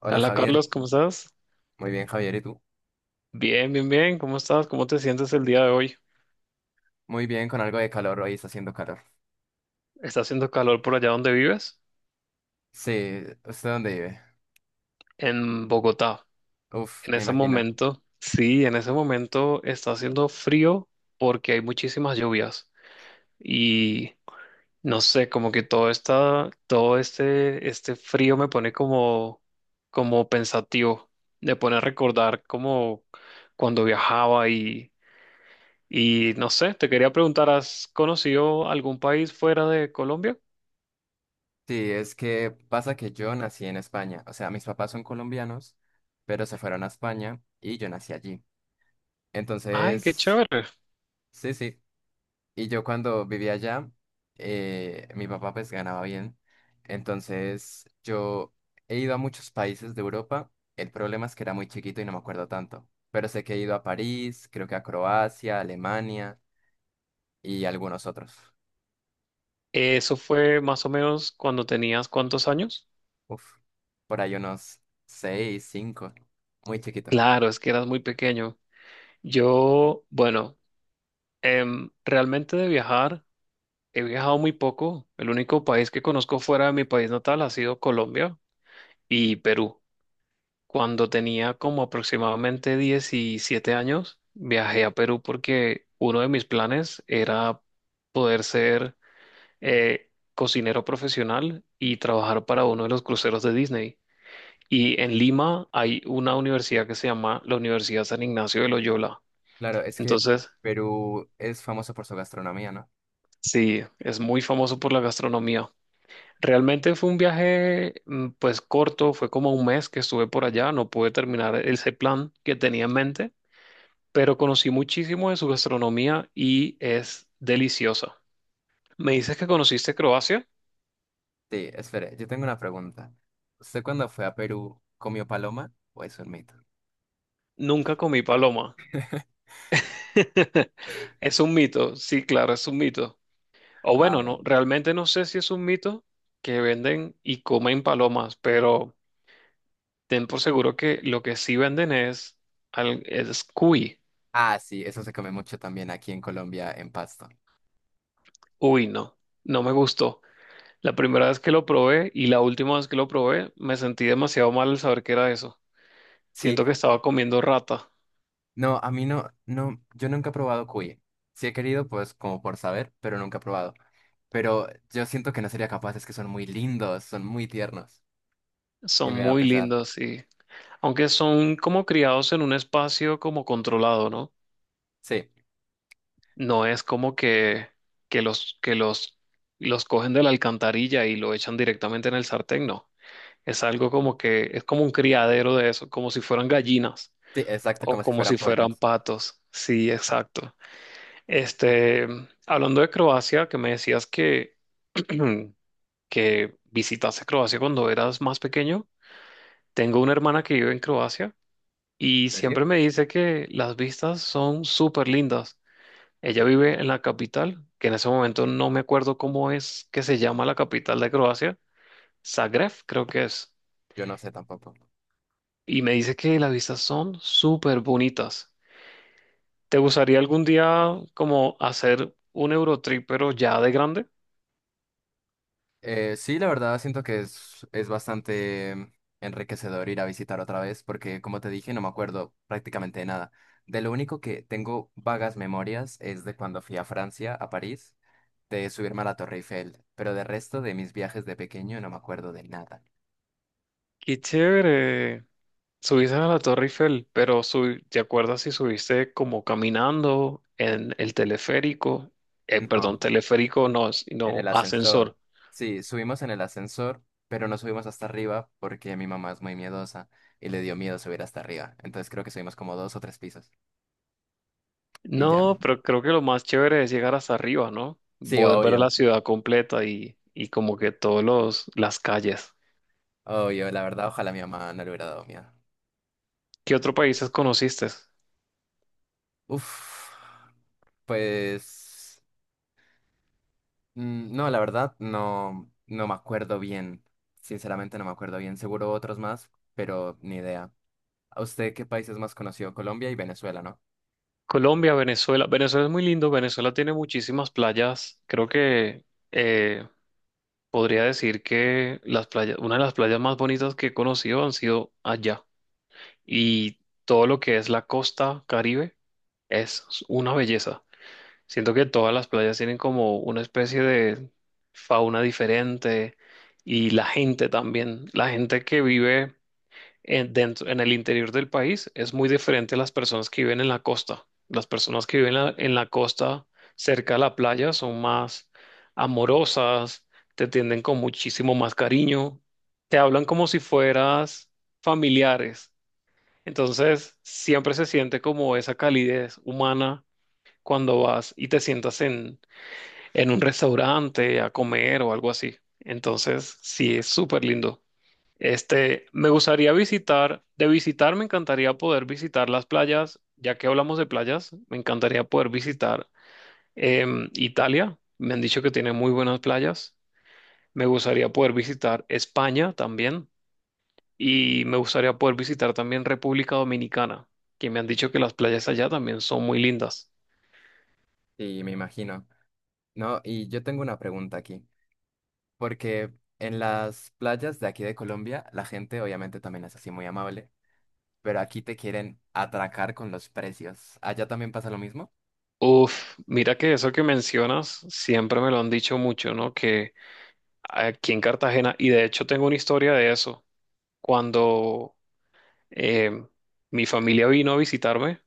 Hola Hola Javier, Carlos, ¿cómo estás? muy bien Javier, ¿y tú? Bien, bien, bien, ¿cómo estás? ¿Cómo te sientes el día de hoy? Muy bien, con algo de calor, hoy está haciendo calor. ¿Está haciendo calor por allá donde vives? Sí, ¿usted dónde vive? En Bogotá. Uf, En me ese imagino. momento, sí, en ese momento está haciendo frío porque hay muchísimas lluvias y no sé, como que todo está, todo este frío me pone como pensativo, me pone a recordar como cuando viajaba y no sé, te quería preguntar, ¿has conocido algún país fuera de Colombia? Sí, es que pasa que yo nací en España, o sea, mis papás son colombianos, pero se fueron a España y yo nací allí. Ay, qué Entonces, chévere. sí, sí. Y yo cuando vivía allá, mi papá pues ganaba bien. Entonces yo he ido a muchos países de Europa. El problema es que era muy chiquito y no me acuerdo tanto. Pero sé que he ido a París, creo que a Croacia, Alemania y algunos otros. ¿Eso fue más o menos cuando tenías cuántos años? Uf, por ahí unos seis, cinco. Muy chiquito. Claro, es que eras muy pequeño. Yo, bueno, realmente de viajar, he viajado muy poco. El único país que conozco fuera de mi país natal ha sido Colombia y Perú. Cuando tenía como aproximadamente 17 años, viajé a Perú porque uno de mis planes era poder ser eh, cocinero profesional y trabajar para uno de los cruceros de Disney. Y en Lima hay una universidad que se llama la Universidad San Ignacio de Loyola. Claro, es que Entonces, Perú es famoso por su gastronomía, ¿no? sí, es muy famoso por la gastronomía. Realmente fue un viaje, pues corto, fue como un mes que estuve por allá, no pude terminar ese plan que tenía en mente, pero conocí muchísimo de su gastronomía y es deliciosa. ¿Me dices que conociste Croacia? Sí, espere, yo tengo una pregunta. ¿Usted cuando fue a Perú comió paloma o es un mito? Nunca comí paloma. Es un mito, sí, claro, es un mito. O Ah, bueno, no, realmente no sé si es un mito que venden y comen palomas, pero ten por seguro que lo que sí venden es, es cuy. ah, sí, eso se come mucho también aquí en Colombia, en Pasto. Uy, no, no me gustó. La primera vez que lo probé y la última vez que lo probé, me sentí demasiado mal al saber que era eso. Sí, Siento que estaba comiendo rata. no, a mí no, no, yo nunca he probado cuy. Sí he querido, pues, como por saber, pero nunca he probado. Pero yo siento que no sería capaz, es que son muy lindos, son muy tiernos. Y Son me da muy pesar. lindos y aunque son como criados en un espacio como controlado, ¿no? Sí, No es como que, que los los cogen de la alcantarilla y lo echan directamente en el sartén, no. Es algo como que, es como un criadero de eso, como si fueran gallinas sí, exacto, o como si como fueran si fueran pollos. patos. Sí, exacto. Este, hablando de Croacia, que me decías que, que visitaste Croacia cuando eras más pequeño, tengo una hermana que vive en Croacia y ¿En serio? siempre me dice que las vistas son súper lindas. Ella vive en la capital, que en ese momento no me acuerdo cómo es que se llama la capital de Croacia, Zagreb, creo que es. Yo no sé tampoco. Y me dice que las vistas son súper bonitas. ¿Te gustaría algún día como hacer un Eurotrip, pero ya de grande? Sí, la verdad siento que es bastante enriquecedor ir a visitar otra vez porque, como te dije, no me acuerdo prácticamente de nada. De lo único que tengo vagas memorias es de cuando fui a Francia, a París, de subirme a la Torre Eiffel, pero de resto de mis viajes de pequeño no me acuerdo de nada. Qué chévere. Subiste a la Torre Eiffel, pero ¿te acuerdas si subiste como caminando en el teleférico? Perdón, No, teleférico no, en no el ascensor. ascensor. Sí, subimos en el ascensor, pero no subimos hasta arriba porque mi mamá es muy miedosa y le dio miedo subir hasta arriba. Entonces creo que subimos como dos o tres pisos y ya. No, pero creo que lo más chévere es llegar hasta arriba, ¿no? Sí, Poder ver la obvio. ciudad completa y como que todos los, las calles. Oh, yo la verdad, ojalá mi mamá no le hubiera dado miedo. ¿Qué otro países conociste? Uf, pues, mm, no, la verdad, no, no me acuerdo bien. Sinceramente no me acuerdo bien. Seguro otros más, pero ni idea. ¿A usted qué país es más conocido? Colombia y Venezuela, ¿no? Colombia, Venezuela. Venezuela es muy lindo. Venezuela tiene muchísimas playas. Creo que eh, podría decir que las playas, una de las playas más bonitas que he conocido han sido allá. Y todo lo que es la costa Caribe es una belleza. Siento que todas las playas tienen como una especie de fauna diferente y la gente también. La gente que vive en, dentro, en el interior del país es muy diferente a las personas que viven en la costa. Las personas que viven en la costa cerca de la playa son más amorosas, te tienden con muchísimo más cariño, te hablan como si fueras familiares. Entonces siempre se siente como esa calidez humana cuando vas y te sientas en un restaurante a comer o algo así. Entonces, sí, es súper lindo. Este, me gustaría visitar, de visitar me encantaría poder visitar las playas, ya que hablamos de playas, me encantaría poder visitar Italia, me han dicho que tiene muy buenas playas, me gustaría poder visitar España también y me gustaría poder visitar también República Dominicana, que me han dicho que las playas allá también son muy lindas. Sí, me imagino. No, y yo tengo una pregunta aquí. Porque en las playas de aquí de Colombia, la gente obviamente también es así muy amable, pero aquí te quieren atracar con los precios. ¿Allá también pasa lo mismo? Uf, mira que eso que mencionas siempre me lo han dicho mucho, ¿no? Que aquí en Cartagena y de hecho tengo una historia de eso. Cuando eh, mi familia vino a visitarme,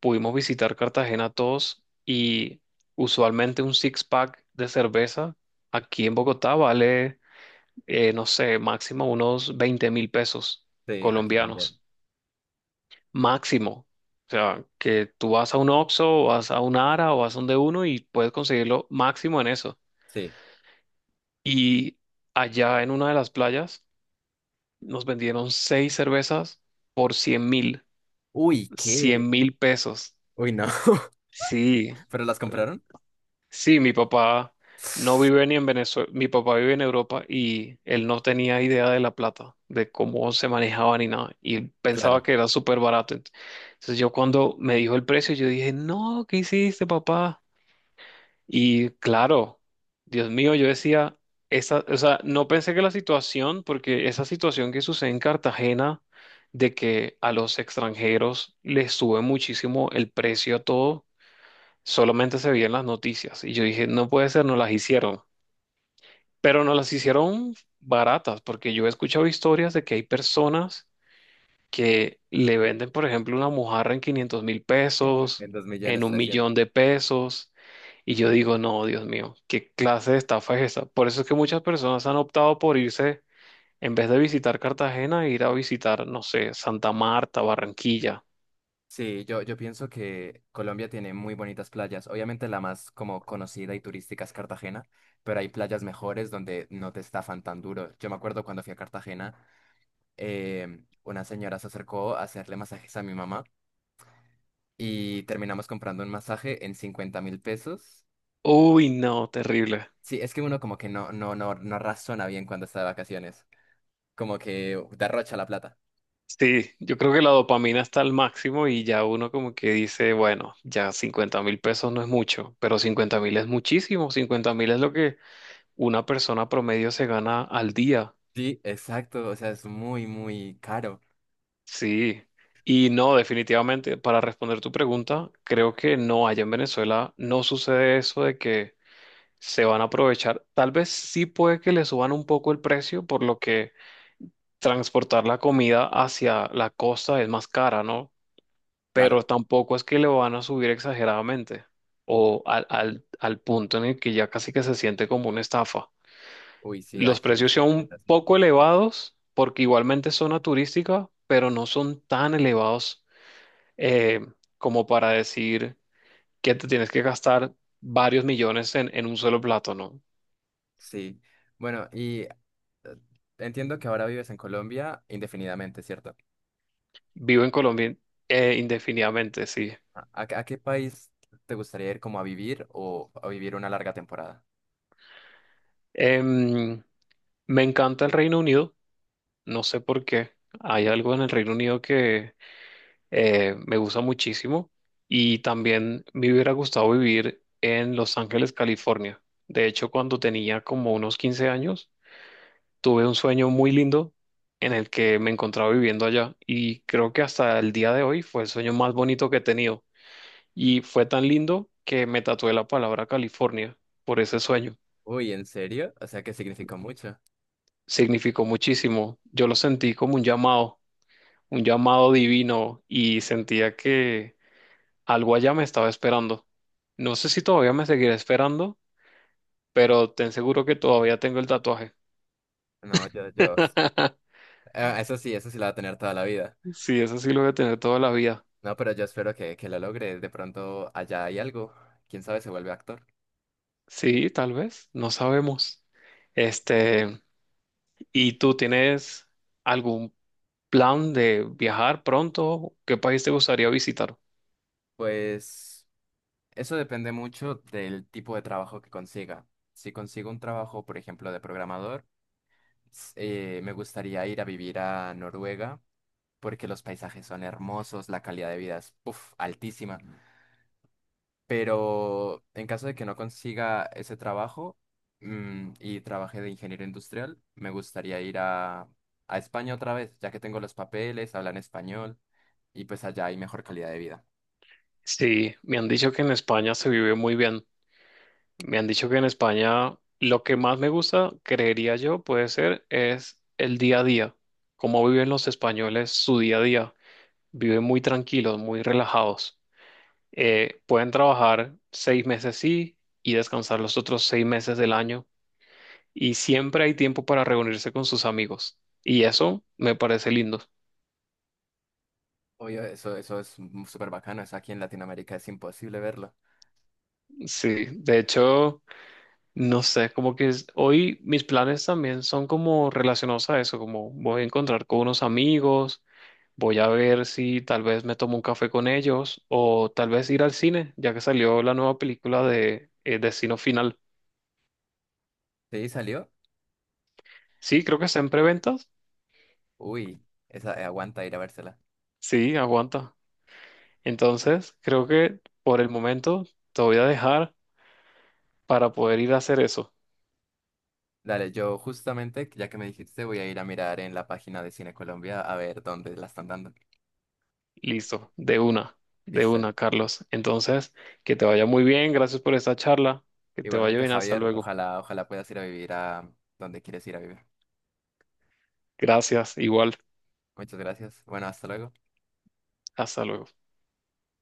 pudimos visitar Cartagena todos y usualmente un six-pack de cerveza aquí en Bogotá vale, no sé, máximo unos 20.000 pesos Sí, aquí también. colombianos. Máximo. O sea, que tú vas a un Oxxo, o vas a un Ara o vas a un de uno y puedes conseguirlo máximo en eso. Sí. Y allá en una de las playas, nos vendieron seis cervezas por 100.000, Uy, qué. 100.000 pesos. Uy, no. Sí, ¿Pero las compraron? sí, mi papá no vive ni en Venezuela, mi papá vive en Europa y él no tenía idea de la plata, de cómo se manejaba ni nada, y él pensaba Claro, que era súper barato. Entonces yo cuando me dijo el precio, yo dije, no, ¿qué hiciste, papá? Y claro, Dios mío, yo decía, esa, o sea, no pensé que la situación, porque esa situación que sucede en Cartagena, de que a los extranjeros les sube muchísimo el precio a todo, solamente se veía en las noticias. Y yo dije, no puede ser, no las hicieron. Pero no las hicieron baratas, porque yo he escuchado historias de que hay personas que le venden, por ejemplo, una mojarra en 500.000 pesos, en 2 en millones un trescientos. millón de pesos, y yo digo, no, Dios mío, ¿qué clase de estafa es esa? Por eso es que muchas personas han optado por irse, en vez de visitar Cartagena, ir a visitar, no sé, Santa Marta, Barranquilla. Sí, yo pienso que Colombia tiene muy bonitas playas. Obviamente la más como conocida y turística es Cartagena, pero hay playas mejores donde no te estafan tan duro. Yo me acuerdo cuando fui a Cartagena, una señora se acercó a hacerle masajes a mi mamá y terminamos comprando un masaje en 50.000 pesos. Uy, no, terrible. Sí, es que uno como que no, no, no, no razona bien cuando está de vacaciones, como que derrocha la plata. Sí, yo creo que la dopamina está al máximo y ya uno como que dice, bueno, ya 50.000 pesos no es mucho, pero 50.000 es muchísimo, 50.000 es lo que una persona promedio se gana al día. Sí, exacto, o sea, es muy, muy caro. Sí, y no, definitivamente, para responder tu pregunta, creo que no, allá en Venezuela no sucede eso de que se van a aprovechar. Tal vez sí puede que le suban un poco el precio, por lo que transportar la comida hacia la costa es más cara, ¿no? Pero Claro, tampoco es que le van a subir exageradamente o al punto en el que ya casi que se siente como una estafa. uy, sí, Los aquí precios es, son es un así. poco elevados porque igualmente es zona turística, pero no son tan elevados eh, como para decir que te tienes que gastar varios millones en un solo plato, ¿no? Sí, bueno, y entiendo que ahora vives en Colombia indefinidamente, ¿cierto? Vivo en Colombia indefinidamente, sí. ¿A qué a qué país te gustaría ir como a vivir o a vivir una larga temporada? Em, me encanta el Reino Unido, no sé por qué. Hay algo en el Reino Unido que me gusta muchísimo y también me hubiera gustado vivir en Los Ángeles, California. De hecho, cuando tenía como unos 15 años, tuve un sueño muy lindo en el que me encontraba viviendo allá y creo que hasta el día de hoy fue el sueño más bonito que he tenido y fue tan lindo que me tatué la palabra California por ese sueño. Uy, ¿en serio? O sea, que significó mucho. Significó muchísimo. Yo lo sentí como un llamado divino y sentía que algo allá me estaba esperando. No sé si todavía me seguirá esperando, pero te aseguro que todavía tengo el tatuaje. No, yo, eso sí la va a tener toda la vida. Sí, eso sí lo voy a tener toda la vida. No, pero yo espero que lo logre. De pronto allá hay algo. ¿Quién sabe, se vuelve actor? Sí, tal vez, no sabemos. Este, ¿y tú tienes algún plan de viajar pronto? ¿Qué país te gustaría visitar? Pues, eso depende mucho del tipo de trabajo que consiga. Si consigo un trabajo, por ejemplo, de programador, me gustaría ir a vivir a Noruega porque los paisajes son hermosos, la calidad de vida es puf, altísima. Pero en caso de que no consiga ese trabajo y trabaje de ingeniero industrial, me gustaría ir a, España otra vez, ya que tengo los papeles, hablan español y pues allá hay mejor calidad de vida. Sí, me han dicho que en España se vive muy bien. Me han dicho que en España lo que más me gusta, creería yo, puede ser, es el día a día. Cómo viven los españoles su día a día. Viven muy tranquilos, muy relajados. Pueden trabajar 6 meses sí y descansar los otros 6 meses del año y siempre hay tiempo para reunirse con sus amigos. Y eso me parece lindo. Oye, eso es súper bacano, eso aquí en Latinoamérica es imposible verlo. Sí, de hecho, no sé, como que hoy mis planes también son como relacionados a eso, como voy a encontrar con unos amigos, voy a ver si tal vez me tomo un café con ellos o tal vez ir al cine, ya que salió la nueva película de Destino Final. ¿Sí salió? Sí, creo que está en preventas. Uy, esa, aguanta ir a vérsela. Sí, aguanta. Entonces, creo que por el momento te voy a dejar para poder ir a hacer eso. Dale, yo justamente, ya que me dijiste, voy a ir a mirar en la página de Cine Colombia a ver dónde la están dando. Listo, de Listo. una, Carlos. Entonces, que te vaya muy bien, gracias por esta charla, que te vaya Igualmente, bien, hasta Javier, luego. ojalá, ojalá puedas ir a vivir a donde quieres ir a vivir. Gracias, igual, Muchas gracias. Bueno, hasta luego. hasta luego.